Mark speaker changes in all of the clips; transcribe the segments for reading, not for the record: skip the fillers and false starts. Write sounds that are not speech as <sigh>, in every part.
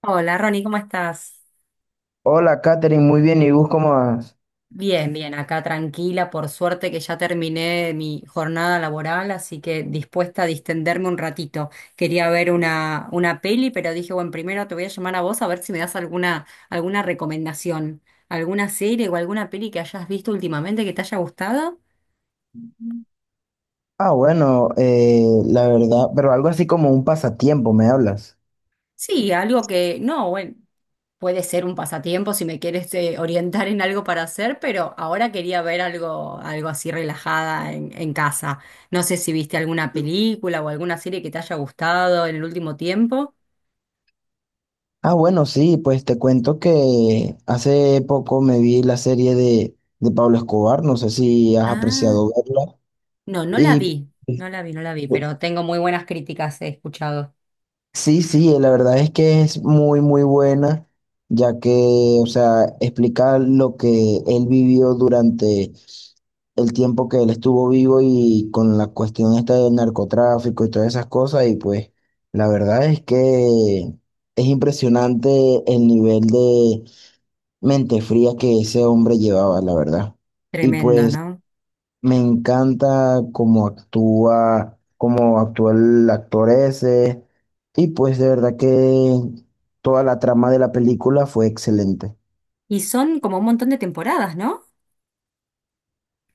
Speaker 1: Hola, Ronnie, ¿cómo estás?
Speaker 2: Hola, Katherine, muy bien. ¿Y vos cómo vas?
Speaker 1: Bien, bien, acá tranquila, por suerte que ya terminé mi jornada laboral, así que dispuesta a distenderme un ratito. Quería ver una peli, pero dije, bueno, primero te voy a llamar a vos a ver si me das alguna recomendación, alguna serie o alguna peli que hayas visto últimamente que te haya gustado.
Speaker 2: Ah, bueno, la verdad, pero algo así como un pasatiempo, ¿me hablas?
Speaker 1: Sí, algo que, no, bueno, puede ser un pasatiempo si me quieres orientar en algo para hacer, pero ahora quería ver algo así relajada en casa. No sé si viste alguna película o alguna serie que te haya gustado en el último tiempo.
Speaker 2: Ah, bueno, sí, pues te cuento que hace poco me vi la serie de Pablo Escobar, no sé si has
Speaker 1: Ah,
Speaker 2: apreciado verla.
Speaker 1: no, no la
Speaker 2: Y
Speaker 1: vi,
Speaker 2: pues,
Speaker 1: no la vi,
Speaker 2: pues,
Speaker 1: pero tengo muy buenas críticas, he escuchado.
Speaker 2: sí, sí, la verdad es que es muy, muy buena, ya que, o sea, explica lo que él vivió durante el tiempo que él estuvo vivo y con la cuestión esta del narcotráfico y todas esas cosas. Y pues la verdad es que es impresionante el nivel de mente fría que ese hombre llevaba, la verdad. Y
Speaker 1: Tremendo,
Speaker 2: pues
Speaker 1: ¿no?
Speaker 2: me encanta cómo actúa el actor ese. Y pues de verdad que toda la trama de la película fue excelente.
Speaker 1: Y son como un montón de temporadas, ¿no?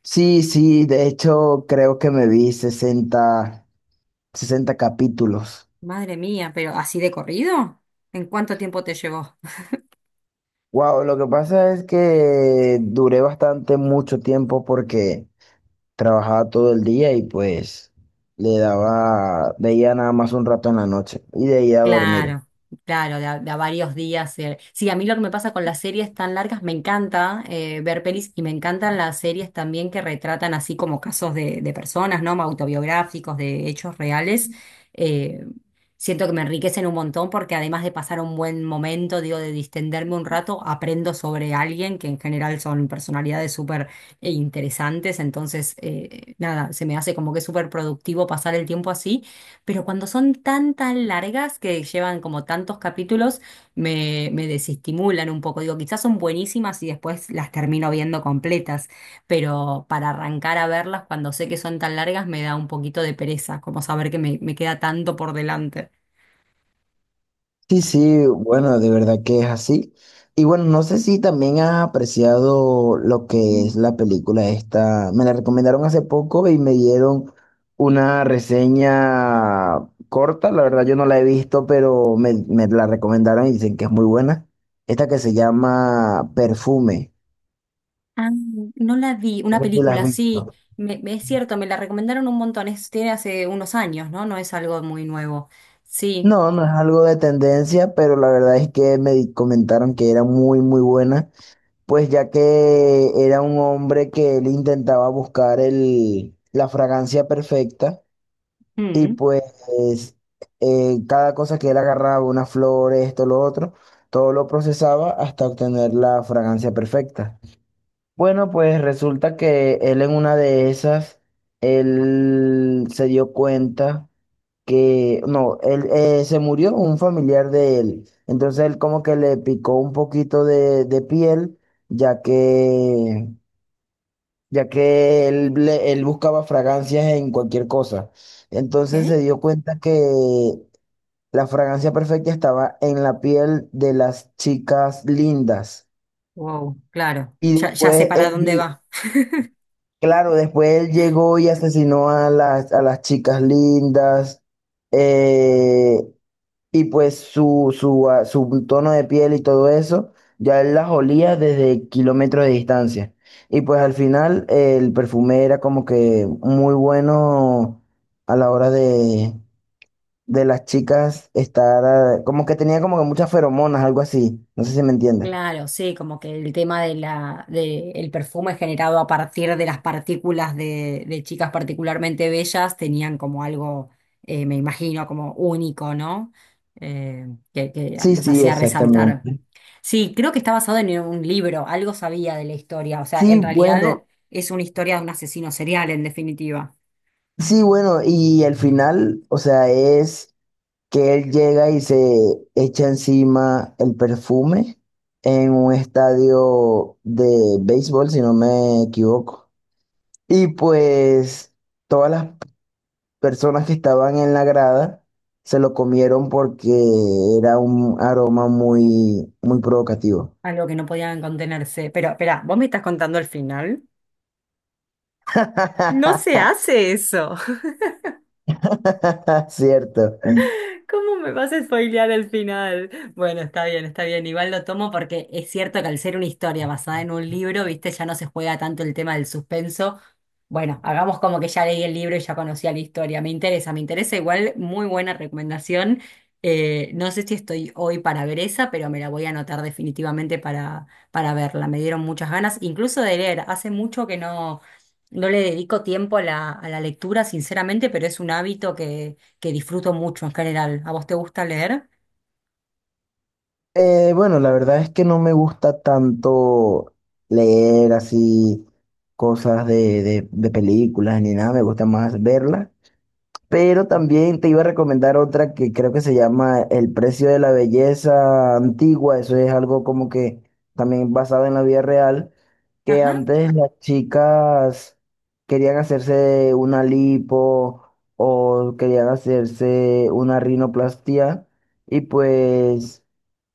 Speaker 2: Sí, sí, de hecho creo que me vi sesenta capítulos.
Speaker 1: Madre mía, pero así de corrido. ¿En cuánto tiempo te llevó?
Speaker 2: Wow, lo que pasa es que duré bastante mucho tiempo porque trabajaba todo el día y pues le daba, veía nada más un rato en la noche y de ahí a dormir.
Speaker 1: Claro, claro, de a varios días. Sí, a mí lo que me pasa con las series tan largas, me encanta ver pelis y me encantan las series también que retratan así como casos de personas, ¿no? Autobiográficos, de hechos reales. Eh, Siento que me enriquecen un montón porque además de pasar un buen momento, digo, de distenderme un rato, aprendo sobre alguien que en general son personalidades súper interesantes. Entonces, nada, se me hace como que es súper productivo pasar el tiempo así. Pero cuando son tan largas que llevan como tantos capítulos, me desestimulan un poco. Digo, quizás son buenísimas y después las termino viendo completas, pero para arrancar a verlas cuando sé que son tan largas me da un poquito de pereza, como saber que me queda tanto por delante.
Speaker 2: Sí, sí, bueno, de verdad que es así. Y bueno, no sé si también has apreciado lo que es la película esta. Me la recomendaron hace poco y me dieron una reseña corta. La verdad yo no la he visto, pero me la recomendaron y dicen que es muy buena. Esta que se llama Perfume.
Speaker 1: Ah, no la vi,
Speaker 2: No
Speaker 1: una
Speaker 2: sé si la has
Speaker 1: película,
Speaker 2: visto.
Speaker 1: sí, es cierto, me la recomendaron un montón, es, tiene hace unos años, ¿no? No es algo muy nuevo. Sí.
Speaker 2: No, no es algo de tendencia, pero la verdad es que comentaron que era muy, muy buena. Pues ya que era un hombre que él intentaba buscar la fragancia perfecta, y
Speaker 1: Mm,
Speaker 2: pues cada cosa que él agarraba, una flor, esto, lo otro, todo lo procesaba hasta obtener la fragancia perfecta. Bueno, pues resulta que él, en una de esas, él se dio cuenta que no, él se murió un familiar de él. Entonces él como que le picó un poquito de piel, ya que, ya que él buscaba fragancias en cualquier cosa. Entonces
Speaker 1: ok.
Speaker 2: se dio cuenta que la fragancia perfecta estaba en la piel de las chicas lindas.
Speaker 1: Wow, claro,
Speaker 2: Y
Speaker 1: ya, ya sé
Speaker 2: después
Speaker 1: para dónde va.
Speaker 2: claro, después él llegó y asesinó a a las chicas lindas. eh, Y pues su tono de piel y todo eso, ya él las olía desde kilómetros de distancia. Y pues al final el perfume era como que muy bueno a la hora de las chicas estar, ah, como que tenía como que muchas feromonas, algo así. No sé si me entiendes.
Speaker 1: Claro, sí, como que el tema de de el perfume generado a partir de las partículas de chicas particularmente bellas tenían como algo, me imagino, como único, ¿no? Eh, que
Speaker 2: Sí,
Speaker 1: los
Speaker 2: sí,
Speaker 1: hacía resaltar.
Speaker 2: exactamente.
Speaker 1: Sí, creo que está basado en un libro, algo sabía de la historia, o sea,
Speaker 2: Sí,
Speaker 1: en realidad
Speaker 2: bueno,
Speaker 1: es una historia de un asesino serial, en definitiva,
Speaker 2: sí, bueno, y al final, o sea, es que él llega y se echa encima el perfume en un estadio de béisbol, si no me equivoco. Y pues todas las personas que estaban en la grada se lo comieron porque era un aroma muy, muy provocativo.
Speaker 1: algo que no podían contenerse. Pero, espera, ¿vos me estás contando el final? No se
Speaker 2: <laughs>
Speaker 1: hace eso.
Speaker 2: Cierto.
Speaker 1: ¿Cómo me vas a spoilear el final? Bueno, está bien, está bien. Igual lo tomo porque es cierto que al ser una historia basada en un libro, viste, ya no se juega tanto el tema del suspenso. Bueno, hagamos como que ya leí el libro y ya conocía la historia. Me interesa igual. Muy buena recomendación. No sé si estoy hoy para ver esa, pero me la voy a anotar definitivamente para verla. Me dieron muchas ganas, incluso de leer. Hace mucho que no, no le dedico tiempo a a la lectura, sinceramente, pero es un hábito que disfruto mucho en general. ¿A vos te gusta leer?
Speaker 2: Bueno, la verdad es que no me gusta tanto leer así cosas de películas ni nada, me gusta más verlas. Pero también te iba a recomendar otra que creo que se llama El precio de la belleza antigua. Eso es algo como que también basado en la vida real, que
Speaker 1: Ajá.
Speaker 2: antes las chicas querían hacerse una lipo o querían hacerse una rinoplastia, y pues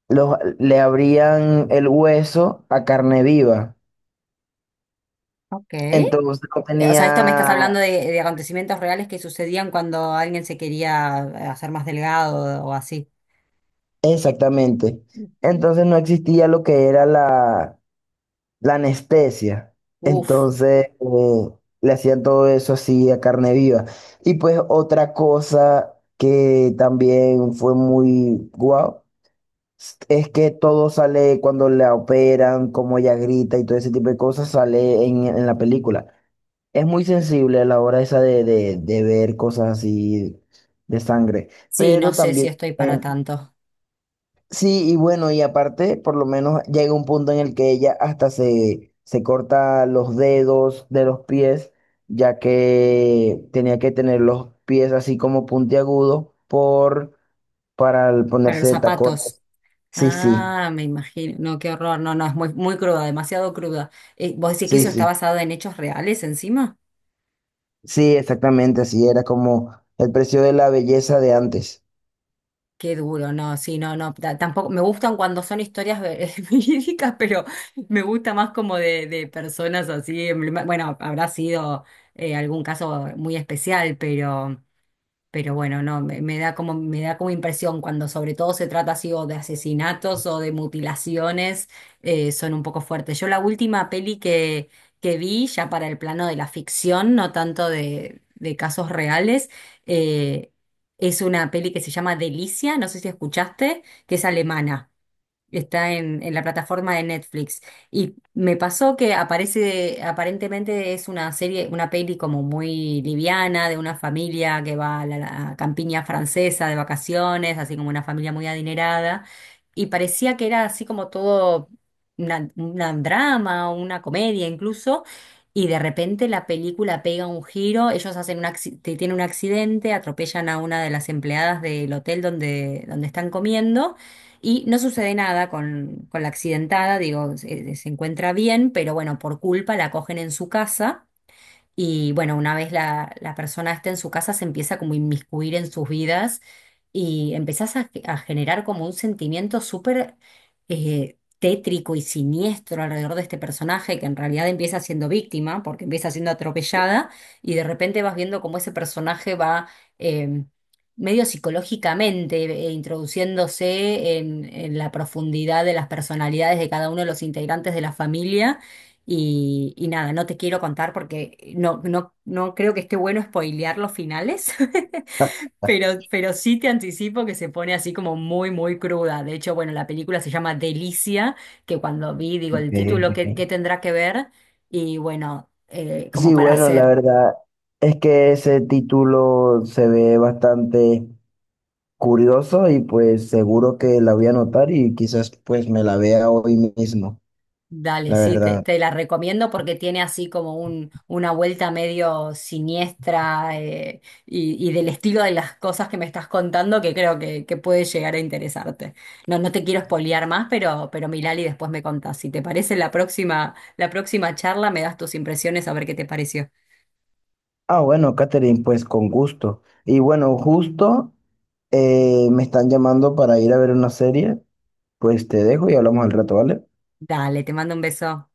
Speaker 2: le abrían el hueso a carne viva.
Speaker 1: Ok.
Speaker 2: Entonces no
Speaker 1: O sea, esto me estás
Speaker 2: tenía,
Speaker 1: hablando de acontecimientos reales que sucedían cuando alguien se quería hacer más delgado o así.
Speaker 2: exactamente. Entonces no existía lo que era la anestesia.
Speaker 1: Uf,
Speaker 2: Entonces le hacían todo eso así a carne viva. Y pues otra cosa que también fue muy guau. Es que todo sale cuando la operan, como ella grita y todo ese tipo de cosas sale en la película. Es muy sensible a la hora esa de ver cosas así de sangre,
Speaker 1: sí, no
Speaker 2: pero
Speaker 1: sé si
Speaker 2: también,
Speaker 1: estoy
Speaker 2: eh,
Speaker 1: para tanto.
Speaker 2: sí, y bueno, y aparte, por lo menos llega un punto en el que ella hasta se corta los dedos de los pies, ya que tenía que tener los pies así como puntiagudos por, para el
Speaker 1: Para
Speaker 2: ponerse
Speaker 1: los
Speaker 2: de
Speaker 1: zapatos.
Speaker 2: tacones. Sí, sí,
Speaker 1: Ah, me imagino. No, qué horror. No, no, es muy, muy cruda, demasiado cruda. ¿Vos decís que
Speaker 2: sí,
Speaker 1: eso está
Speaker 2: sí,
Speaker 1: basado en hechos reales encima?
Speaker 2: sí, exactamente, así era como el precio de la belleza de antes.
Speaker 1: Qué duro, no, sí, no, no, tampoco, me gustan cuando son historias <laughs> verídicas, pero me gusta más como de personas así, bueno, habrá sido algún caso muy especial, pero bueno, no, me da como impresión cuando sobre todo se trata así o de asesinatos o de mutilaciones, son un poco fuertes. Yo la última peli que vi, ya para el plano de la ficción, no tanto de casos reales, eh, es una peli que se llama Delicia, no sé si escuchaste, que es alemana. Está en la plataforma de Netflix. Y me pasó que aparece, aparentemente es una serie, una peli como muy liviana, de una familia que va a la campiña francesa de vacaciones, así como una familia muy adinerada. Y parecía que era así como todo una drama o una comedia incluso. Y de repente la película pega un giro, ellos hacen un tienen un accidente, atropellan a una de las empleadas del hotel donde están comiendo y no sucede nada con la accidentada, digo, se encuentra bien, pero bueno, por culpa la cogen en su casa y bueno, una vez la persona esté en su casa, se empieza como a inmiscuir en sus vidas y empezás a generar como un sentimiento súper tétrico y siniestro alrededor de este personaje que en realidad empieza siendo víctima, porque empieza siendo atropellada y de repente vas viendo cómo ese personaje va eh, medio psicológicamente introduciéndose en la profundidad de las personalidades de cada uno de los integrantes de la familia y nada, no te quiero contar porque no, no, no creo que esté bueno spoilear los finales, <laughs>
Speaker 2: <laughs>
Speaker 1: pero sí te anticipo que se pone así como muy, muy cruda. De hecho, bueno, la película se llama Delicia, que cuando vi, digo,
Speaker 2: Ok,
Speaker 1: el título, ¿qué,
Speaker 2: ok.
Speaker 1: qué tendrá que ver? Y bueno, como
Speaker 2: Sí,
Speaker 1: para
Speaker 2: bueno, la
Speaker 1: hacer.
Speaker 2: verdad es que ese título se ve bastante curioso y pues seguro que la voy a anotar y quizás pues me la vea hoy mismo,
Speaker 1: Dale,
Speaker 2: la
Speaker 1: sí,
Speaker 2: verdad.
Speaker 1: te la recomiendo porque tiene así como una vuelta medio siniestra y del estilo de las cosas que me estás contando que creo que puede llegar a interesarte. No, no te quiero espolear más, pero Milali después me contás. Si te parece la próxima charla, me das tus impresiones a ver qué te pareció.
Speaker 2: Ah, bueno, Catherine, pues con gusto. Y bueno, justo me están llamando para ir a ver una serie, pues te dejo y hablamos al rato, ¿vale?
Speaker 1: Dale, te mando un beso.